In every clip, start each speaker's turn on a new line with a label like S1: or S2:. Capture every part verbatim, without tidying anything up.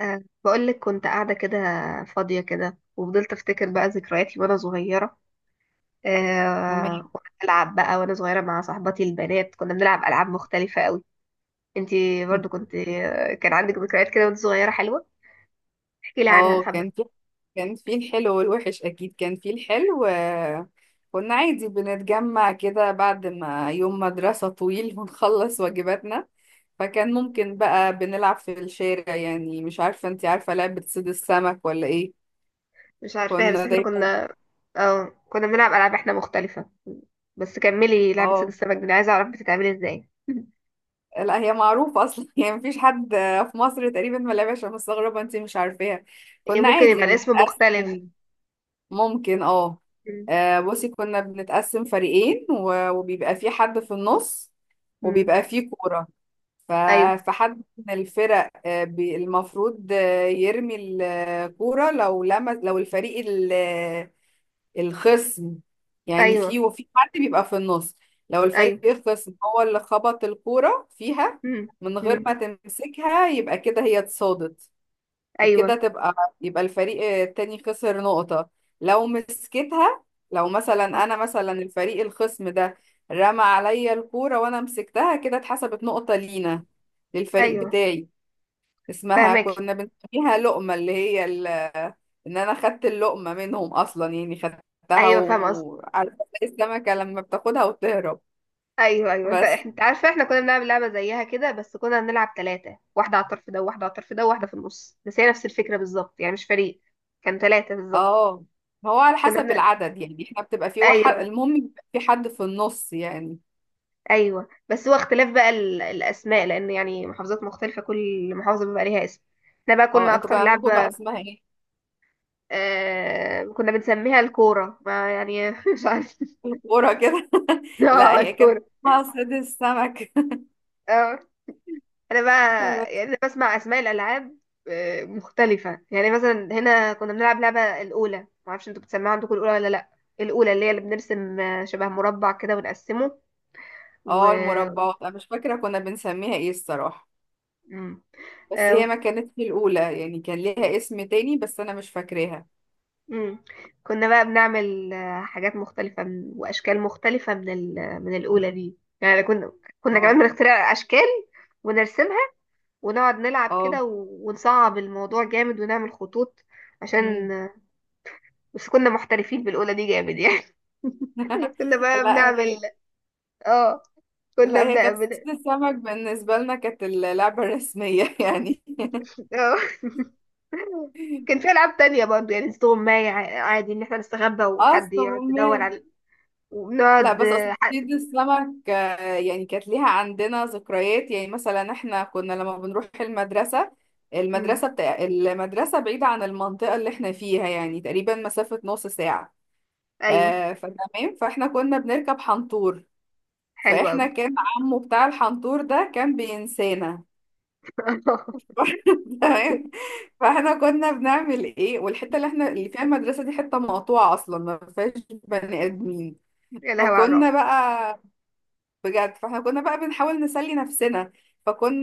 S1: أه، بقول لك كنت قاعدة كده فاضية كده، وفضلت أفتكر بقى ذكرياتي وأنا صغيرة.
S2: عمر.
S1: أه، وأنا بلعب بقى وأنا صغيرة مع صاحباتي البنات كنا بنلعب ألعاب مختلفة قوي. انتي برضو كنت آه، كان عندك ذكريات كده وانت صغيرة حلوة؟ احكي لي عنها
S2: اه،
S1: حبة.
S2: كان في كان في الحلو والوحش، اكيد كان في الحلو، آه، كنا عادي بنتجمع كده بعد ما يوم مدرسة طويل ونخلص واجباتنا. فكان ممكن بقى بنلعب في الشارع، يعني مش عارفة، انتي عارفة لعبة صيد السمك ولا ايه؟
S1: مش عارفاها بس
S2: كنا
S1: احنا
S2: دايما.
S1: كنا. اه كنا بنلعب ألعاب احنا مختلفة، بس كملي لعبة صيد
S2: اه،
S1: السمك دي، أنا عايزة أعرف بتتعمل ازاي.
S2: لا هي معروفة اصلا يعني مفيش حد في مصر تقريبا ما لعبهاش، أنا مستغربة انتي مش عارفاها.
S1: هي
S2: كنا
S1: ممكن
S2: عادي
S1: يبقى الاسم مختلف.
S2: بنتقسم، ممكن، اه.
S1: مم.
S2: آه، بصي، كنا بنتقسم فريقين و- وبيبقى في حد في النص،
S1: مم.
S2: وبيبقى في كورة. ف-
S1: أيوه.
S2: فحد من الفرق، آه، بي- المفروض آه، يرمي الكورة. لو لمس، لو الفريق ال- آه، الخصم، يعني في،
S1: أيوه.
S2: وفي حد بيبقى في النص. لو الفريق
S1: أيوه.
S2: الخصم هو اللي خبط الكورة فيها
S1: مم.
S2: من غير
S1: مم.
S2: ما تمسكها، يبقى كده هي اتصادت. وكده
S1: أيوه.
S2: تبقى يبقى الفريق التاني خسر نقطة. لو مسكتها، لو مثلا انا، مثلا الفريق الخصم ده رمى عليا الكورة وانا مسكتها، كده اتحسبت نقطة لينا، للفريق
S1: أيوه.
S2: بتاعي. اسمها
S1: فاهمك.
S2: كنا بنسميها لقمة، اللي هي ال... ان انا خدت اللقمة منهم اصلا، يعني خدتها
S1: ايوه فاهم قصدي.
S2: وعارفة، زي السمكة لما بتاخدها وتهرب.
S1: ايوه ايوه انت،
S2: بس.
S1: إحنا- انت عارفه احنا كنا بنلعب لعبه زيها كده، بس كنا بنلعب ثلاثه، واحده على الطرف ده وواحده على الطرف ده وواحده في النص، بس هي نفس الفكره بالظبط، يعني مش فريق. كان ثلاثه بالظبط.
S2: اه، هو على
S1: كنا
S2: حسب
S1: بن...
S2: العدد، يعني احنا بتبقى في واحد،
S1: ايوه.
S2: المهم يبقى في حد في النص يعني.
S1: ايوه بس هو اختلاف بقى ال... الاسماء، لان يعني محافظات مختلفه، كل محافظه بيبقى ليها اسم. احنا بقى كنا
S2: اه، انتوا
S1: اكتر
S2: كان عندكم بقى
S1: لعبه
S2: اسمها ايه؟
S1: آه... كنا بنسميها الكوره، ما يعني مش عارف.
S2: الكورة كده. لا،
S1: اه
S2: هي كانت
S1: الكوره.
S2: اسمها صيد السمك
S1: اه. انا بقى
S2: بس.
S1: يعني انا بسمع اسماء الالعاب آه، مختلفه، يعني مثلا هنا كنا بنلعب لعبه الاولى، ما اعرفش انتوا بتسمعوا عندكم الاولى ولا لا. الاولى اللي هي اللي بنرسم آه، شبه مربع كده ونقسمه و
S2: اه، المربعات انا مش فاكرة كنا بنسميها ايه الصراحة،
S1: مم.
S2: بس
S1: آه، و-
S2: هي ما كانتش الأولى يعني، كان ليها اسم تاني بس انا مش فاكراها.
S1: مم. كنا بقى بنعمل آه، حاجات مختلفه من- واشكال مختلفه من ال... من الاولى دي، يعني كنا كنا
S2: اه،
S1: كمان بنخترع اشكال ونرسمها ونقعد نلعب
S2: اه،
S1: كده و... ونصعب الموضوع جامد ونعمل خطوط عشان،
S2: مم.
S1: بس كنا محترفين بالأولى دي جامد يعني. كنا بقى
S2: لا
S1: بنعمل،
S2: هي
S1: اه
S2: لا
S1: كنا
S2: هي كانت
S1: بنعمل.
S2: صيد السمك بالنسبة لنا، كانت اللعبة الرسمية يعني.
S1: اه كان في ألعاب تانية برضه، يعني استغماية، ع- عادي إن احنا نستخبى وحد
S2: اصلا،
S1: يقعد يدور على،
S2: لا،
S1: وبنقعد
S2: بس اصل
S1: آه، ح...
S2: صيد السمك، آه، يعني كانت ليها عندنا ذكريات، يعني مثلا احنا كنا لما بنروح المدرسة،
S1: مم.
S2: المدرسة بتاع المدرسة بعيدة عن المنطقة اللي احنا فيها، يعني تقريبا مسافة نص ساعة.
S1: أيوه.
S2: آه فتمام، فاحنا كنا بنركب حنطور.
S1: حلو
S2: فاحنا
S1: أوي.
S2: كان عمو بتاع الحنطور ده كان بينسانا. تمام. فاحنا كنا بنعمل ايه، والحتة اللي احنا اللي فيها المدرسة دي حتة مقطوعة اصلا ما فيهاش بني ادمين.
S1: يا لهوي على
S2: فكنا
S1: الرعب.
S2: بقى، بجد فاحنا كنا بقى بنحاول نسلي نفسنا.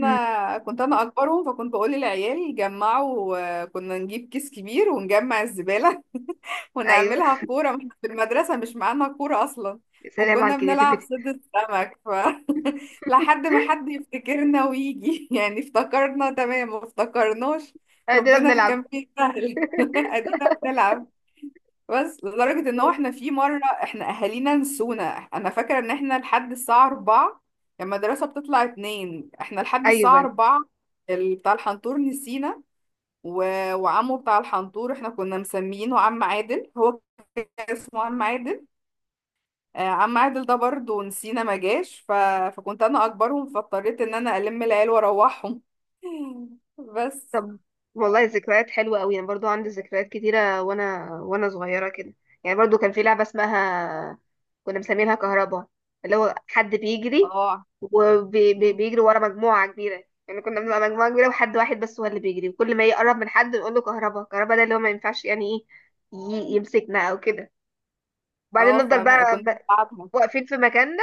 S1: مم.
S2: كنت انا اكبرهم، فكنت بقول للعيال جمعوا. آه، كنا نجيب كيس كبير ونجمع الزبالة
S1: أيوه.
S2: ونعملها كورة، ما إحنا في المدرسة مش معانا كورة اصلا.
S1: يا سلام على
S2: وكنا بنلعب
S1: الكرياتيفيتي.
S2: صيد السمك. ف لحد ما حد يفتكرنا ويجي يعني افتكرنا تمام ما افتكرناش.
S1: قاعدين
S2: ربنا
S1: بنلعب.
S2: كان فيه سهل ادينا بنلعب. بس لدرجة ان هو احنا في مرة احنا اهالينا نسونا. انا فاكرة ان احنا لحد الساعة أربعة، لما المدرسة بتطلع اتنين احنا لحد الساعة
S1: ايوه.
S2: أربعة. ال- بتاع الحنطور نسينا. و... وعمه بتاع الحنطور احنا كنا مسمينه عم عادل. هو كان اسمه عم عادل. آه، عم عادل ده برضه نسينا ما جاش. ف... فكنت انا اكبرهم، فاضطريت ان انا الم العيال واروحهم. بس.
S1: طب والله ذكريات حلوة قوي. انا برضو عندي ذكريات كتيرة وانا وانا صغيرة كده، يعني برضو كان في لعبة اسمها كنا مسمينها كهربا، اللي هو حد بيجري
S2: اه، مم.
S1: وبيجري ورا مجموعة كبيرة، يعني كنا بنبقى مجموعة كبيرة وحد واحد بس هو اللي بيجري، وكل ما يقرب من حد نقول له كهربا، كهربا ده اللي هو ما ينفعش يعني ايه ي- يمسكنا او كده، وبعدين
S2: اه،
S1: نفضل بقى
S2: فكنت
S1: بقى
S2: بتعبهم.
S1: واقفين في مكاننا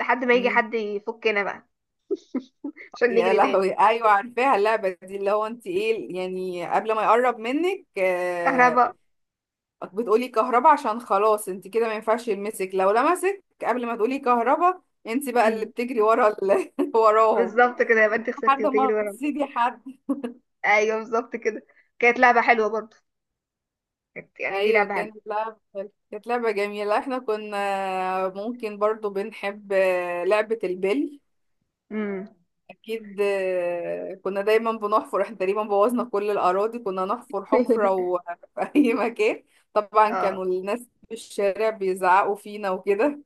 S1: لحد ما يجي حد يفكنا بقى عشان
S2: يا
S1: نجري تاني.
S2: لهوي! ايوه عارفاها اللعبه دي، اللي هو انت ايه، يعني قبل ما يقرب منك، آه،
S1: كهربا.
S2: بتقولي كهربا، عشان خلاص انت كده ما ينفعش يلمسك. لو لمسك قبل ما تقولي كهربا، انت بقى اللي
S1: أمم.
S2: بتجري ورا ال... وراهم،
S1: بالظبط كده، يبقى انت خسرتي
S2: لحد ما
S1: وتجري ورا.
S2: تصيدي حد.
S1: ايوه بالظبط كده. كانت لعبة حلوة برضه، كانت يعني دي
S2: ايوه،
S1: لعبة حلوة.
S2: كانت لعبه كانت لعبه جميله. احنا كنا ممكن برضو بنحب، آه، لعبه البلي
S1: امم.
S2: اكيد. آه، كنا دايما بنحفر، احنا تقريبا بوظنا كل الاراضي، كنا نحفر حفره وفي اي مكان. طبعا
S1: اه
S2: كانوا الناس في الشارع بيزعقوا فينا وكده.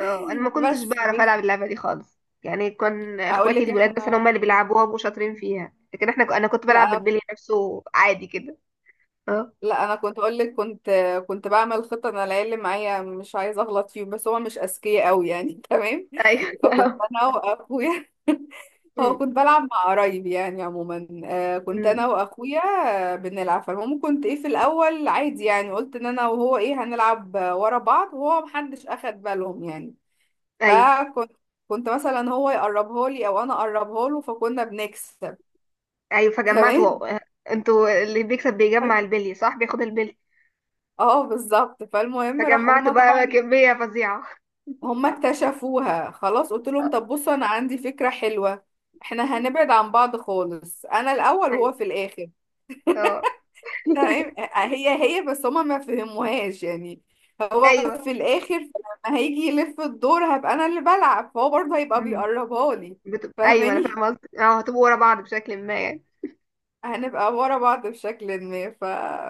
S1: اه، انا ما كنتش
S2: بس
S1: بعرف
S2: بس
S1: العب اللعبة دي خالص، يعني كان
S2: اقول
S1: اخواتي
S2: لك
S1: الولاد مثلا
S2: احنا،
S1: هم اللي بيلعبوها وشاطرين فيها، لكن احنا ك- انا كنت بلعب
S2: لا.
S1: بالبلي نفسه عادي كده. اه.
S2: لا، انا كنت اقول لك، كنت كنت بعمل خطه. انا العيال اللي معايا مش عايزه اغلط فيهم، بس هما مش اذكياء قوي يعني تمام،
S1: ايوه.
S2: فكنت انا واخويا هو،
S1: أمم.
S2: كنت بلعب مع قرايب يعني عموما، آه كنت انا
S1: أمم.
S2: واخويا آه بنلعب. فالمهم، كنت ايه، في الاول عادي يعني، قلت ان انا وهو ايه، هنلعب آه، ورا بعض، وهو محدش اخد بالهم يعني.
S1: ايوه
S2: فكنت كنت مثلا هو يقربها لي او انا اقربها له، فكنا بنكسب
S1: ايوه فجمعت
S2: تمام.
S1: و... انتوا اللي بيكسب بيجمع
S2: ف-
S1: البلي، صح؟ بياخد البلي.
S2: اه بالظبط. فالمهم راحوا
S1: فجمعت
S2: هما طبعا،
S1: بقى كمية فظيعة.
S2: هما
S1: صح.
S2: اكتشفوها خلاص. قلت لهم
S1: آه.
S2: طب بصوا، انا عندي فكرة حلوة. احنا هنبعد عن بعض خالص، انا الاول وهو
S1: ايوه.
S2: في الاخر.
S1: اه.
S2: تمام، آه، آه، هي هي بس هما ما فهموهاش يعني. هو
S1: ايوه.
S2: في الاخر لما هيجي يلف الدور، هبقى انا اللي بلعب، فهو برضه هيبقى بيقربها لي.
S1: بت... ايوه انا
S2: فاهماني؟
S1: فاهمه قصدك، اه هتبقوا ورا بعض بشكل ما يعني.
S2: هنبقى ورا بعض بشكل ما. ف...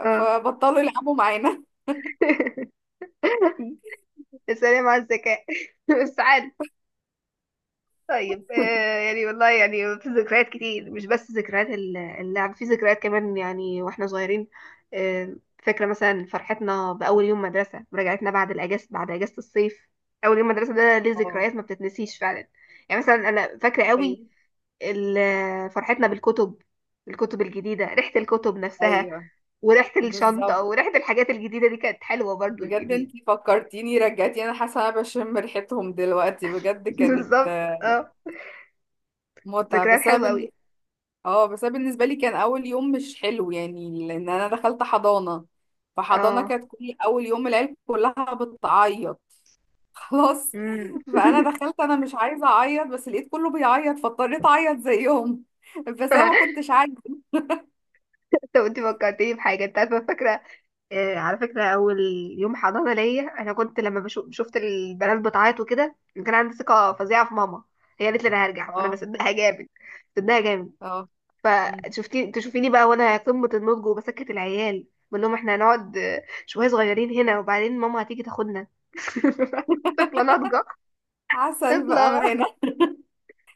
S1: اه.
S2: فبطلوا يلعبوا معانا.
S1: السلام على الذكاء. بس عادي. طيب آه، يعني والله يعني في ذكريات كتير، مش بس ذكريات ال- اللعب، في ذكريات كمان يعني واحنا صغيرين. آه فاكره مثلا فرحتنا باول يوم مدرسه، رجعتنا بعد الاجازه، بعد اجازه الصيف. اول يوم مدرسه ده ليه
S2: اه،
S1: ذكريات ما بتتنسيش فعلا، يعني مثلا انا فاكره قوي
S2: ايوه،
S1: ال- فرحتنا بالكتب، الكتب الجديده، ريحه الكتب نفسها
S2: ايوه،
S1: وريحة الشنطة
S2: بالظبط.
S1: وريحة الحاجات الجديدة دي، كانت حلوة برضو
S2: بجد
S1: يعني.
S2: انتي فكرتيني، رجعتي انا، حاسه انا بشم ريحتهم دلوقتي، بجد كانت
S1: بالظبط اه.
S2: متعه.
S1: ذكريات
S2: بس
S1: حلوة
S2: انا،
S1: أوي.
S2: اه، بس أنا بالنسبه لي كان اول يوم مش حلو يعني، لان انا دخلت حضانه. فحضانه
S1: اه.
S2: كانت كل اول يوم العيال كلها بتعيط خلاص،
S1: امم.
S2: فانا دخلت انا مش عايزه اعيط، بس لقيت كله بيعيط، فاضطريت اعيط زيهم بس انا ما كنتش عايزه.
S1: طب انت فكرتيني بحاجة، انت عارفة، فاكرة، آه على فكرة، أول يوم حضانة ليا أنا كنت لما بشوف، شفت البنات بتعيط وكده، كان عندي ثقة فظيعة في ماما، هي قالت لي أنا هرجع، فأنا
S2: اه،
S1: بصدقها جامد، بصدقها جامد.
S2: اه، مم.
S1: فشفتي، تشوفيني بقى وانا قمة النضج، وبسكت العيال بقول لهم احنا هنقعد آه، شوية صغيرين هنا وبعدين ماما هتيجي تاخدنا. طفلة ناضجة.
S2: عسل
S1: طفلة.
S2: بامانه.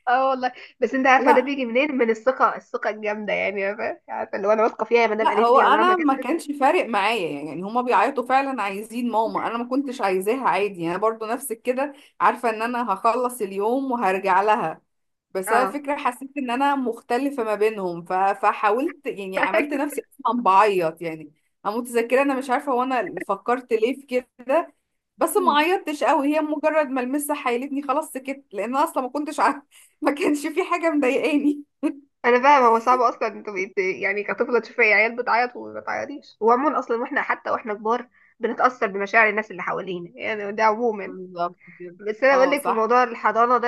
S1: اه والله. بس انت عارفة ده
S2: لا،
S1: بيجي منين؟ من الثقة، الثقة الجامدة، يعني عارفة، عارفة اللي هو انا واثقة فيها، يا مدام
S2: لا،
S1: قالت
S2: هو
S1: لي عمرها ما
S2: انا ما
S1: كذبت.
S2: كانش فارق معايا يعني. هما بيعيطوا فعلا عايزين ماما، انا ما كنتش عايزاها عادي، انا برضو نفس كده. عارفه ان انا هخلص اليوم وهرجع لها. بس انا
S1: اه.
S2: فكرة حسيت ان انا مختلفة ما بينهم. ف... فحاولت، يعني عملت نفسي اصلا بعيط يعني. انا متذكرة، انا مش عارفة، وانا فكرت ليه في كده، بس
S1: مم.
S2: ما عيطتش قوي. هي مجرد ما المسة حيلتني خلاص سكت، لان أنا اصلا ما كنتش عارفة ما كانش في حاجة مضايقاني.
S1: انا فاهمة، هو صعب اصلا انت بقيت يعني كطفلة تشوفي عيال بتعيط وما تعيطيش. وعموما اصلا واحنا، حتى واحنا كبار، بنتأثر بمشاعر الناس اللي حوالينا، يعني ده عموما.
S2: بالظبط كده
S1: بس انا بقول
S2: اه
S1: لك في
S2: صح.
S1: موضوع الحضانة ده،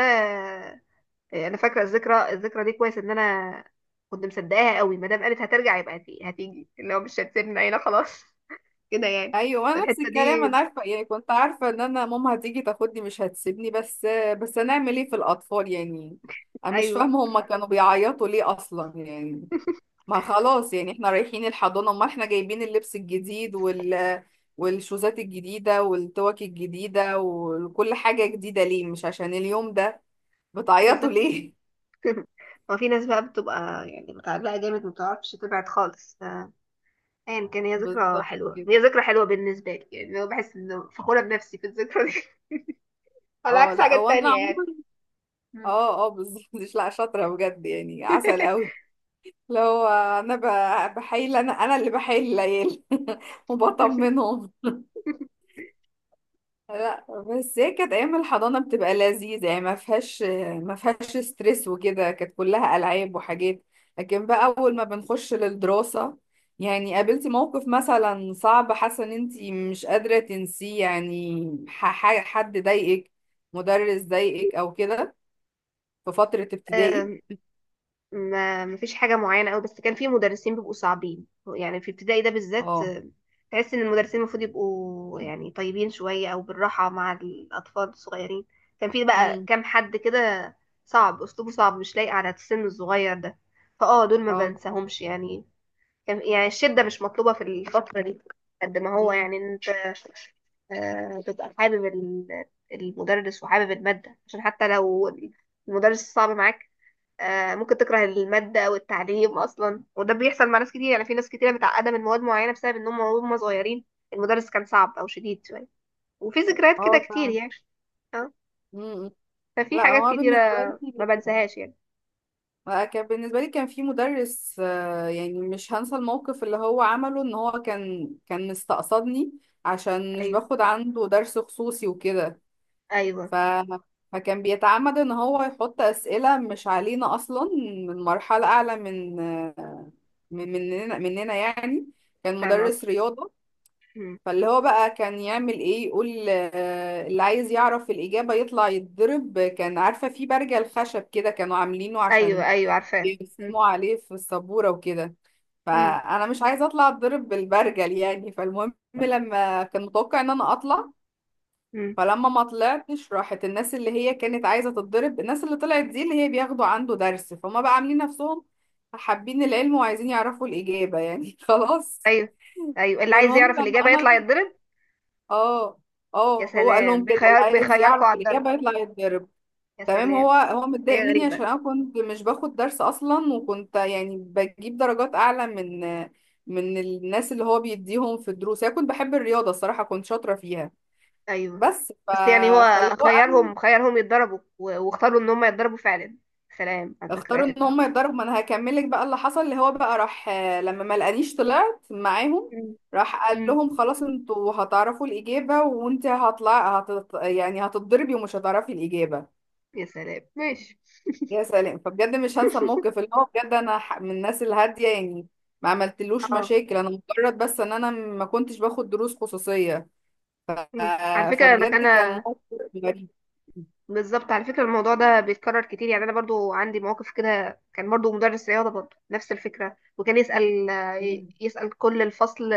S1: آه، انا فاكره الذكرى، الذكرى دي كويس، ان انا كنت مصدقاها قوي ما دام قالت هترجع يبقى هتيجي، هتيجي اللي هو مش هتسيبنا هنا خلاص. كده يعني.
S2: ايوه، انا نفس
S1: فالحته
S2: الكلام.
S1: دي.
S2: انا عارفه، يعني كنت عارفه ان انا ماما هتيجي تاخدني مش هتسيبني. بس بس هنعمل ايه في الاطفال يعني. انا مش
S1: ايوه
S2: فاهمه هما كانوا بيعيطوا ليه اصلا يعني، ما خلاص يعني احنا رايحين الحضانة. امال احنا جايبين اللبس الجديد وال والشوزات الجديدة والتوك الجديدة وكل حاجة جديدة ليه، مش عشان اليوم ده؟ بتعيطوا
S1: بالظبط.
S2: ليه؟
S1: هو في ناس بقى بتبقى يعني متعلقه جامد، ما بتعرفش تبعد خالص ف- ايا كان، هي ذكرى
S2: بالظبط
S1: حلوه،
S2: كده.
S1: هي ذكرى حلوه بالنسبه لي، يعني انا بحس ان فخوره بنفسي في الذكرى دي. على
S2: اه،
S1: عكس
S2: لا،
S1: حاجات
S2: هو انا
S1: تانية يعني.
S2: عمري.
S1: مم.
S2: اه، اه، بالظبط. مش، لا، شاطرة بجد يعني، عسل قوي. لو انا ب- بحايل، انا انا اللي بحايل العيال وبطمنهم. لا، بس هي كانت ايام الحضانه بتبقى لذيذه يعني، ما فيهاش ما فيهاش ستريس وكده، كانت كلها العاب وحاجات. لكن بقى اول ما بنخش للدراسه، يعني قابلتي موقف مثلا صعب حاسه ان انت مش قادره تنسيه يعني؟ ح- ح- حد ضايقك، مدرس ضايقك او كده، في فتره ابتدائي.
S1: أم، ما مفيش حاجة معينة قوي، بس كان في مدرسين بيبقوا صعبين، يعني في ابتدائي ده بالذات،
S2: اه،
S1: آه، تحس ان المدرسين المفروض يبقوا يعني طيبين شوية، او بالراحة مع الاطفال الصغيرين. كان في بقى
S2: امم،
S1: كام حد كده صعب، اسلوبه صعب مش لايق على السن الصغير ده، فاه دول ما
S2: اه،
S1: بنساهمش يعني، كان يعني الشدة مش مطلوبة في الفترة دي. قد ما هو
S2: امم،
S1: يعني إن انت آه، تبقى حابب ال- المدرس وحابب المادة، عشان حتى لو المدرس صعب معاك آه، ممكن تكره المادة والتعليم أصلا، وده بيحصل مع ناس كتير، يعني في ناس كتيرة متعقدة من مواد معينة بسبب إنهم وهم صغيرين المدرس كان صعب أو شديد شوية، وفي ذكريات كده
S2: اه،
S1: كتير
S2: فعلا.
S1: يعني. اه.
S2: امم.
S1: ففي
S2: لا،
S1: حاجات
S2: هو
S1: كتيرة
S2: بالنسبه لي،
S1: ما بنساهاش يعني.
S2: كان بالنسبة لي كان في مدرس، آه، يعني مش هنسى الموقف اللي هو عمله. ان هو كان كان مستقصدني، عشان مش
S1: أيوه.
S2: باخد عنده درس خصوصي وكده.
S1: أيوه
S2: ف فكان بيتعمد ان هو يحط اسئلة مش علينا اصلا، من مرحلة اعلى من، آه، من مننا مننا يعني. كان
S1: فاهمة
S2: مدرس
S1: قصدك.
S2: رياضة.
S1: مم.
S2: فاللي هو بقى كان يعمل ايه، يقول آه، اللي عايز يعرف الإجابة يطلع يتضرب. كان، عارفة، في برجل خشب كده كانوا عاملينه،
S1: أيوه.
S2: عشان
S1: أيوه عارفاه. مم.
S2: بيرسموا عليه في السبورة وكده.
S1: مم.
S2: فأنا مش عايزة أطلع أتضرب بالبرجل يعني. فالمهم لما كان متوقع إن أنا أطلع،
S1: مم.
S2: فلما ما طلعتش، راحت الناس اللي هي كانت عايزة تتضرب، الناس اللي طلعت دي اللي هي بياخدوا عنده درس، فهم بقى عاملين نفسهم حابين العلم وعايزين يعرفوا الإجابة يعني خلاص.
S1: أيوه. أيوه اللي عايز
S2: فالمهم
S1: يعرف
S2: لما
S1: الإجابة يطلع
S2: أنا،
S1: يتضرب.
S2: اه،
S1: يا
S2: اه، هو قال
S1: سلام،
S2: لهم كده، اللي
S1: بيخير
S2: عايز
S1: بيخيركوا
S2: يعرف
S1: على الضرب،
S2: الإجابة يطلع يتضرب.
S1: يا
S2: تمام. هو
S1: سلام.
S2: هو متضايق
S1: حاجة
S2: مني،
S1: غريبة.
S2: عشان انا كنت مش باخد درس اصلا، وكنت يعني بجيب درجات اعلى من من الناس اللي هو بيديهم في الدروس. انا كنت بحب الرياضه الصراحه، كنت شاطره فيها.
S1: ايوه
S2: بس. ف...
S1: بس يعني هو
S2: فاللي هو انا،
S1: خيرهم، خيرهم يتضربوا و- واختاروا ان هم يتضربوا فعلا. سلام على
S2: اختاروا
S1: الذكريات
S2: ان
S1: بتاعتهم.
S2: هم يتضربوا. ما انا هكملك بقى اللي حصل، اللي هو بقى راح، آه، لما ما لقانيش طلعت معاهم،
S1: مم.
S2: راح قال
S1: مم.
S2: لهم خلاص انتوا هتعرفوا الاجابه، وانت هطلع هت... يعني هتتضربي ومش هتعرفي الاجابه.
S1: يا سلام ماشي.
S2: يا سلام. فبجد مش هنسى الموقف، اللي هو بجد انا ح- من الناس الهاديه يعني، ما عملتلوش
S1: اه.
S2: مشاكل، انا مجرد بس ان انا ما كنتش باخد دروس خصوصيه.
S1: مم. على
S2: آه،
S1: فكره انا
S2: فبجد
S1: كان.
S2: كان موقف غريب.
S1: بالظبط، على فكره الموضوع ده بيتكرر كتير، يعني انا برضو عندي مواقف كده، كان برضو مدرس رياضه، برضو نفس الفكره، وكان يسال،
S2: مم.
S1: يسال كل الفصل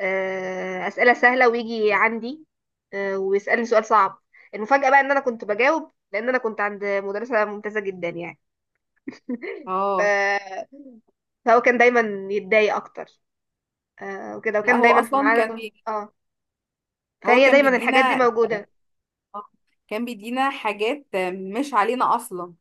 S1: آه، اسئله سهله، ويجي عندي آه، ويسالني سؤال صعب. المفاجاه بقى ان انا كنت بجاوب، لان انا كنت عند مدرسه ممتازه جدا يعني.
S2: اه،
S1: ف... فهو كان دايما يتضايق اكتر آه وكده،
S2: لا،
S1: وكان
S2: هو
S1: دايما في
S2: اصلا
S1: معانا.
S2: كان بي...
S1: اه.
S2: هو
S1: فهي
S2: كان
S1: دايما الحاجات دي
S2: بيدينا،
S1: موجودة.
S2: آه، كان بيدينا حاجات مش علينا اصلا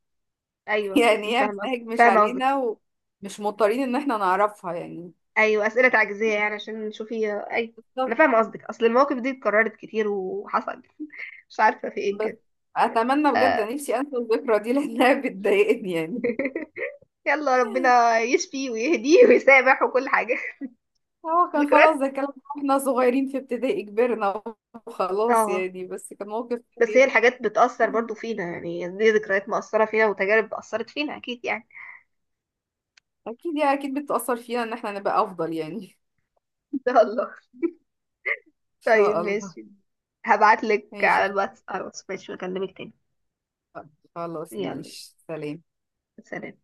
S1: ايوه أنا
S2: يعني هي
S1: فاهمة قصدك،
S2: مناهج مش
S1: فاهمة قصدك.
S2: علينا، ومش مضطرين ان احنا نعرفها يعني.
S1: ايوه اسئلة تعجيزية، يعني عشان نشوفي آه، اي. انا
S2: بالظبط.
S1: فاهمة قصدك، اصل المواقف دي اتكررت كتير وحصل مش عارفة في ايه
S2: بس
S1: بجد.
S2: اتمنى بجد،
S1: آه.
S2: نفسي انسى الذكرى دي لانها بتضايقني يعني.
S1: يلا ربنا يشفي ويهديه ويسامح وكل حاجة.
S2: هو كان خلاص
S1: ذكريات.
S2: ده كلام واحنا صغيرين في ابتدائي، كبرنا وخلاص
S1: اه
S2: يعني. بس كان موقف
S1: بس هي
S2: خفيف.
S1: الحاجات بتأثر برضو فينا، يعني دي ذكريات مؤثرة فينا وتجارب أثرت فينا أكيد يعني.
S2: اكيد يعني، اكيد بتأثر فينا ان احنا نبقى افضل يعني ان
S1: إن شاء الله. طيب
S2: شاء الله.
S1: ماشي، هبعتلك
S2: ماشي.
S1: على الواتس، على الواتس ماشي، بكلمك تاني.
S2: خلاص،
S1: يلا.
S2: ماشي، سلام.
S1: سلام.